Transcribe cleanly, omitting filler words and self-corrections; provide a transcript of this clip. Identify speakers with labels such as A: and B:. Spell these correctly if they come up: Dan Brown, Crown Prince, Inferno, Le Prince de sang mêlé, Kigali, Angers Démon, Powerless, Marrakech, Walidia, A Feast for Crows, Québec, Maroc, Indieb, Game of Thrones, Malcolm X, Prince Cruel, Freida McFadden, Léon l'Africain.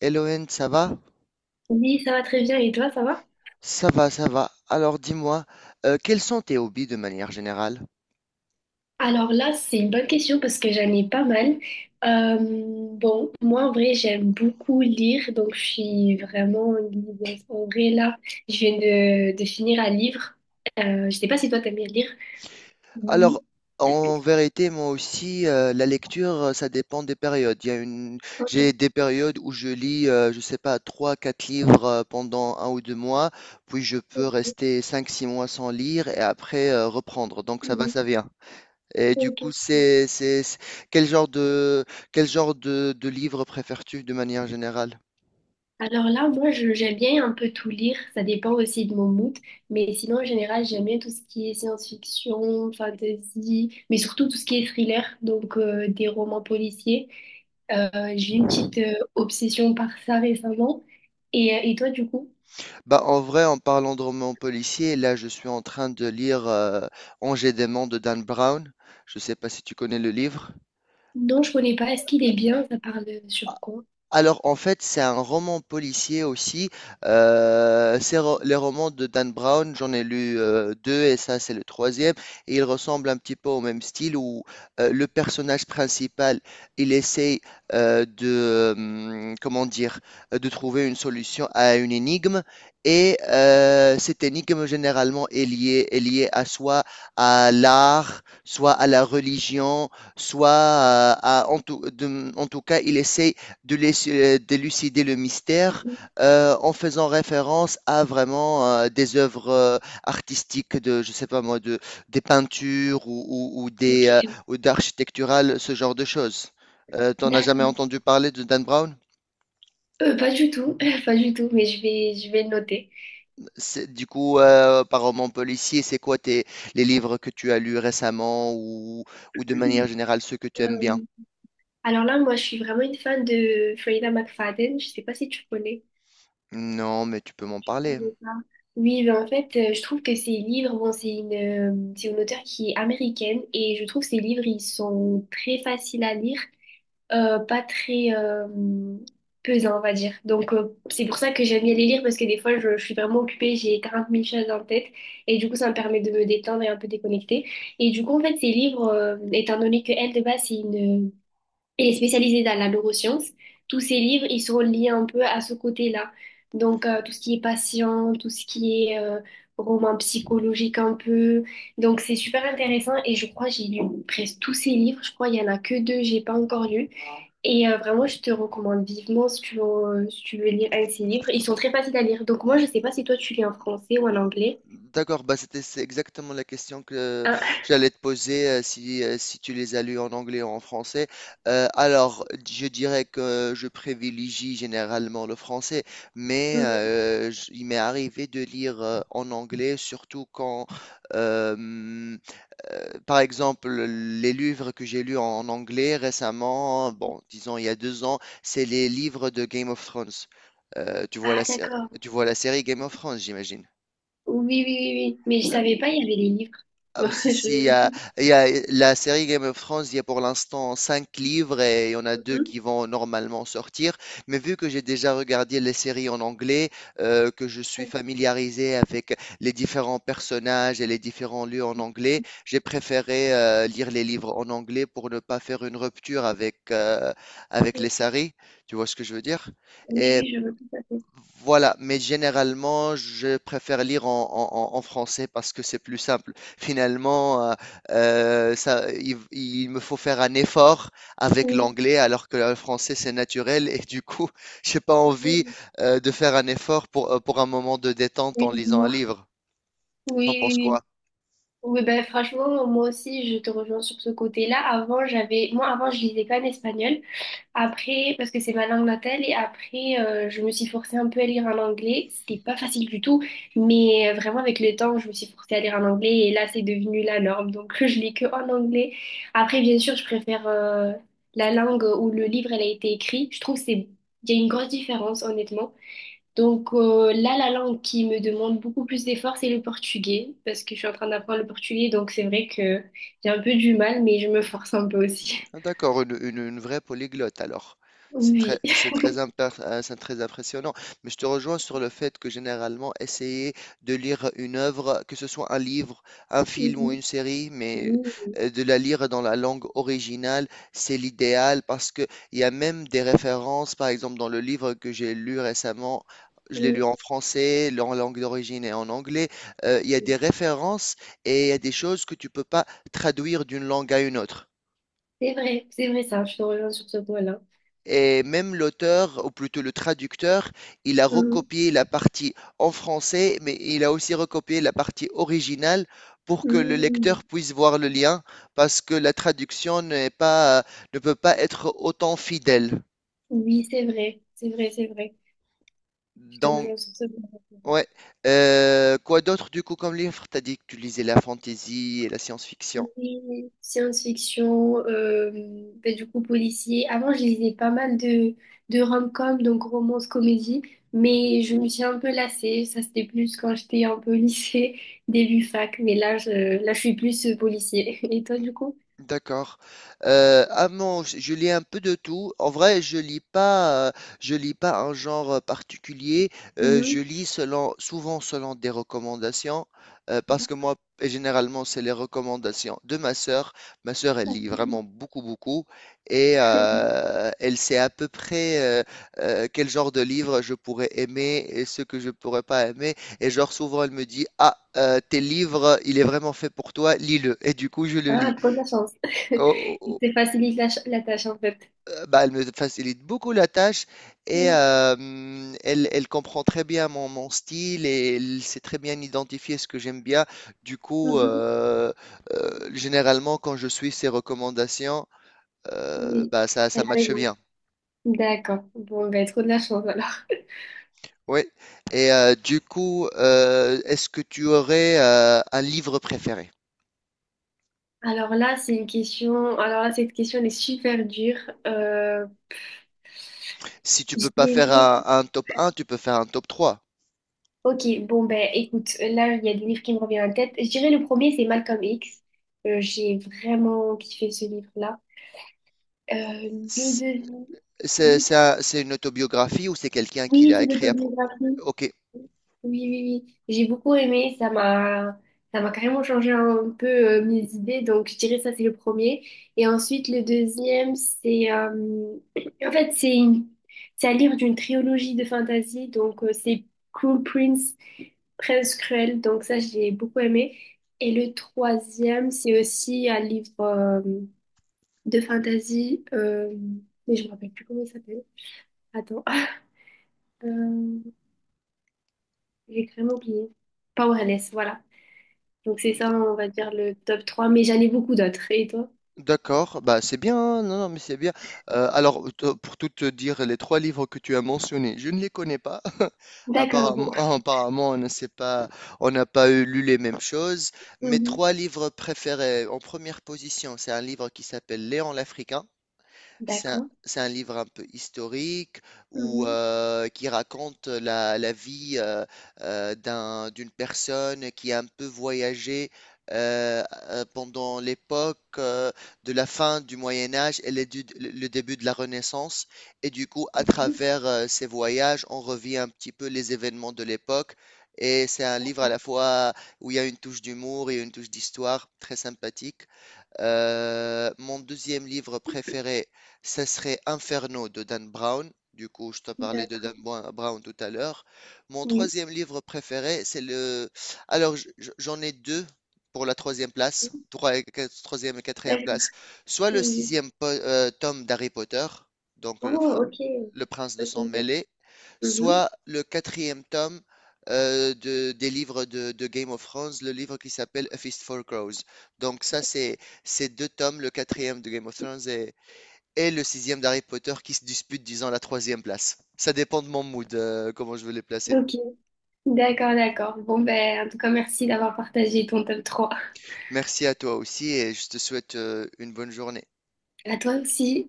A: Elohen, ça va?
B: Oui, ça va très bien. Et toi, ça va?
A: Ça va, ça va. Alors dis-moi, quels sont tes hobbies de manière générale?
B: Alors là, c'est une bonne question parce que j'en ai pas mal. Euh, moi, en vrai, j'aime beaucoup lire, donc je suis vraiment liseuse. En vrai, là, je viens de finir un livre. Je sais pas si toi, t'aimes bien lire. Mhm.
A: Alors, en vérité, moi aussi, la lecture, ça dépend des périodes. Il y a une...
B: Ok.
A: J'ai des périodes où je lis, je sais pas, 3, 4 livres pendant un ou deux mois, puis je peux
B: Ok.
A: rester 5, 6 mois sans lire et après reprendre. Donc ça va,
B: Mhm.
A: ça vient. Et du
B: Ok.
A: coup, quel genre de, quel genre de livre préfères-tu de manière générale?
B: Alors là, moi, j'aime bien un peu tout lire, ça dépend aussi de mon mood, mais sinon, en général, j'aime bien tout ce qui est science-fiction, fantasy, mais surtout tout ce qui est thriller, donc des romans policiers. Euh, j'ai une petite obsession par ça récemment. Et toi, du coup?
A: Bah, en vrai, en parlant de romans policiers, là, je suis en train de lire Angers Démon de Dan Brown. Je sais pas si tu connais le livre.
B: Non, je connais pas. Est-ce qu'il est bien? Ça parle sur quoi?
A: Alors, en fait, c'est un roman policier aussi. Les romans de Dan Brown, j'en ai lu deux et ça, c'est le troisième. Et il ressemble un petit peu au même style où le personnage principal, il essaye de, comment dire, de trouver une solution à une énigme. Et cette énigme, généralement, est liée à soit à l'art, soit à la religion, soit en tout cas, il essaye d'élucider le mystère
B: Mhm.
A: en faisant référence à vraiment des œuvres artistiques de, je sais pas moi, de, des peintures ou des
B: Ok,
A: ou d'architecturales, ce genre de choses. T'en as jamais
B: d'accord.
A: entendu parler de Dan Brown?
B: Pas du tout, pas du tout, mais je vais le noter.
A: Du coup, par roman policier, c'est quoi tes, les livres que tu as lus récemment ou de manière générale ceux que tu aimes
B: Euh,
A: bien?
B: alors là, moi, je suis vraiment une fan de Freida McFadden. Je sais pas si tu connais.
A: Non, mais tu peux m'en
B: C'est
A: parler.
B: ça. Oui, ben en fait, je trouve que ces livres, bon, c'est une auteure qui est américaine et je trouve que ces livres, ils sont très faciles à lire, pas très pesants, on va dire. Donc, c'est pour ça que j'aime bien les lire parce que des fois, je suis vraiment occupée, j'ai 40 mille choses en tête et du coup, ça me permet de me détendre et un peu déconnecter. Et du coup, en fait, ces livres, étant donné que elle, de base, c'est une et est spécialisée dans la neuroscience. Tous ses livres, ils sont liés un peu à ce côté-là. Donc, tout ce qui est patient, tout ce qui est roman psychologique un peu. Donc, c'est super intéressant et je crois que j'ai lu presque tous ses livres. Je crois qu'il n'y en a que deux, j'ai pas encore lu. Et vraiment, je te recommande vivement si tu veux, si tu veux lire un de ses livres. Ils sont très faciles à lire. Donc, moi, je sais pas si toi, tu lis en français ou en anglais.
A: D'accord, bah c'est exactement la question que
B: Hein.
A: j'allais te poser si tu les as lus en anglais ou en français. Alors, je dirais que je privilégie généralement le français, mais
B: Mhm.
A: il m'est arrivé de lire en anglais, surtout quand, euh, par exemple, les livres que j'ai lus en anglais récemment, bon, disons il y a 2 ans, c'est les livres de Game of Thrones. Euh, tu vois la,
B: Ah,
A: sé-
B: d'accord.
A: tu vois la série Game of Thrones, j'imagine.
B: Oui, oui, oui, oui. Mais je savais pas, il y avait les livres.
A: Ah, aussi, si, il y a,
B: Je-
A: il y a la série Game of Thrones, il y a pour l'instant cinq livres et il y en a deux qui vont normalement sortir. Mais vu que j'ai déjà regardé les séries en anglais, que je suis familiarisé avec les différents personnages et les différents lieux en anglais, j'ai préféré lire les livres en anglais pour ne pas faire une rupture avec, avec
B: Mhm.
A: les séries. Tu vois ce que je veux dire?
B: Oui,
A: Et
B: oui, je veux tout à fait.
A: voilà, mais généralement, je préfère lire en français parce que c'est plus simple. Finalement, il me faut faire un effort avec
B: Oui,
A: l'anglais alors que le français, c'est naturel et du coup, j'ai pas envie
B: oui,
A: de faire un effort pour un moment de détente
B: oui,
A: en
B: je
A: lisant un
B: vois.
A: livre. T'en
B: Oui, oui,
A: penses quoi?
B: oui. Oui, ben, franchement, moi aussi, je te rejoins sur ce côté-là. Avant, j'avais, moi, avant, je lisais pas en espagnol. Après, parce que c'est ma langue natale, et après, je me suis forcée un peu à lire en anglais. C'était pas facile du tout, mais vraiment, avec le temps, je me suis forcée à lire en anglais, et là, c'est devenu la norme. Donc, je lis que en anglais. Après, bien sûr, je préfère, la langue où le livre, elle a été écrit. Je trouve que c'est, il y a une grosse différence, honnêtement. Donc là, la langue qui me demande beaucoup plus d'efforts, c'est le portugais, parce que je suis en train d'apprendre le portugais, donc c'est vrai que j'ai un peu du mal, mais je me force un peu aussi.
A: Ah, d'accord, une vraie polyglotte alors. C'est très,
B: Oui.
A: c'est très, impar- euh, c'est très impressionnant. Mais je te rejoins sur le fait que généralement, essayer de lire une œuvre, que ce soit un livre, un film ou une
B: Mhm.
A: série, mais
B: Mhm.
A: de la lire dans la langue originale, c'est l'idéal parce que il y a même des références, par exemple dans le livre que j'ai lu récemment. Je l'ai
B: Mhm.
A: lu en français, en langue d'origine et en anglais. Il y a des références et il y a des choses que tu peux pas traduire d'une langue à une autre.
B: C'est vrai ça, je te rejoins sur ce point-là.
A: Et même l'auteur, ou plutôt le traducteur, il a
B: Mhm.
A: recopié la partie en français, mais il a aussi recopié la partie originale pour que le
B: Mhm.
A: lecteur puisse voir le lien, parce que la traduction n'est pas, ne peut pas être autant fidèle.
B: Oui, c'est vrai, c'est vrai, c'est vrai. Je te
A: Donc,
B: rejoins sur ce point-là.
A: ouais. Quoi d'autre du coup comme livre? T'as dit que tu lisais la fantasy et la science-fiction.
B: Oui, science-fiction, ben, du coup policier. Avant, je lisais pas mal de rom-com, donc romance, comédie, mais je me suis un peu lassée. Ça, c'était plus quand j'étais un peu au lycée, début fac, là, je suis plus policier. Et toi, du coup?
A: D'accord. Ah non, je lis un peu de tout. En vrai, je lis pas un genre, particulier. Je
B: Mhm.
A: lis selon souvent selon des recommandations, parce que et généralement, c'est les recommandations de ma sœur. Ma sœur, elle
B: D'accord.
A: lit vraiment beaucoup, beaucoup et elle sait à peu près, heu quel genre de livre je pourrais aimer et ce que je pourrais pas aimer et genre souvent elle me dit: «Ah, tel livre, il est vraiment fait pour toi, lis-le» et du coup je le lis.
B: Ah, trop de la chance.
A: Oh, oh, oh,
B: C'est facilite la tâche, en fait.
A: bah, elle me facilite beaucoup la tâche et
B: Mhm.
A: elle comprend très bien mon style et elle sait très bien identifier ce que j'aime bien. Du coup,
B: Mhm.
A: généralement, quand je suis ses recommandations,
B: Oui,
A: bah, ça,
B: elle
A: ça
B: a
A: matche
B: raison.
A: bien.
B: D'accord. Bon, ben, trop de la chance, alors.
A: Oui. Et du coup, est-ce que tu aurais un livre préféré?
B: Alors là, c'est une question. Alors là, cette question elle est super dure. Euh,
A: Si tu
B: je
A: peux pas faire
B: dirais-
A: un top un, tu peux faire un top 3.
B: Ok, bon ben, écoute, là, il y a des livres qui me reviennent en tête. Je dirais le premier, c'est Malcolm X. J'ai vraiment kiffé ce livre-là. Euh, le
A: C'est
B: deuxième,
A: c'est
B: oui,
A: un- c'est une autobiographie ou c'est quelqu'un qui
B: oui,
A: l'a
B: c'est
A: écrit.
B: l'autobiographie.
A: Ok,
B: Oui, oui, oui. J'ai beaucoup aimé. Ça m'a carrément changé un peu mes idées. Donc, je dirais ça, c'est le premier. Et ensuite, le deuxième, c'est, en fait, c'est une- c'est à lire d'une trilogie de fantasy. Donc, c'est Crown Prince, Prince Cruel. Donc, ça, j'ai beaucoup aimé. Et le troisième, c'est aussi un livre de fantasy. Mais je me rappelle plus comment il s'appelle. Attends, Euh, j'ai carrément oublié. Powerless, voilà. Donc c'est ça,
A: D-
B: on va dire le top 3. Mais j'en ai beaucoup d'autres. Et toi?
A: D'accord, bah c'est bien, hein. Non, non, mais c'est bien. Alors, pour tout te dire, les trois livres que tu as mentionnés, je ne les connais pas.
B: D'accord,
A: Apparemment,
B: bon.
A: ah, apparemment, on ne sait pas, on n'a pas lu les mêmes choses. Mes
B: Mhm.
A: trois livres préférés, en première position, c'est un livre qui s'appelle Léon l'Africain. C'est un,
B: D'accord.
A: c'est un livre un peu historique
B: Mhm.
A: qui raconte la vie d'une personne qui a un peu voyagé euh, pendant l'époque de la fin du Moyen Âge et le début de la Renaissance. Et du coup, à
B: Mhm,
A: travers ces voyages, on revit un petit peu les événements de l'époque. Et c'est un livre à la
B: d'accord.
A: fois où il y a une touche d'humour et une touche d'histoire très sympathique. Mon deuxième livre préféré, ce serait Inferno de Dan Brown. Du coup, je te parlais de
B: D'accord.
A: Dan Brown tout à l'heure. Mon
B: Oui.
A: troisième livre préféré, c'est le... Alors, j'en ai deux pour la troisième place, troisième et quatrième
B: D'accord.
A: place. Soit le
B: Mhm.
A: sixième tome d'Harry Potter, donc le,
B: Oh, ok.
A: le Prince de
B: Ok,
A: sang
B: ok.
A: mêlé,
B: Mhm.
A: soit le quatrième tome des livres de Game of Thrones, le livre qui s'appelle A Feast for Crows. Donc ça, c'est ces deux tomes, le quatrième de Game of Thrones et le sixième d'Harry Potter qui se disputent, disons, la troisième place. Ça dépend de mon mood, comment je veux les placer.
B: Ok. D'accord, d'accord. Bon, ben, en tout cas, merci d'avoir partagé ton top 3.
A: Merci à toi aussi et je te souhaite une bonne journée.
B: À toi aussi.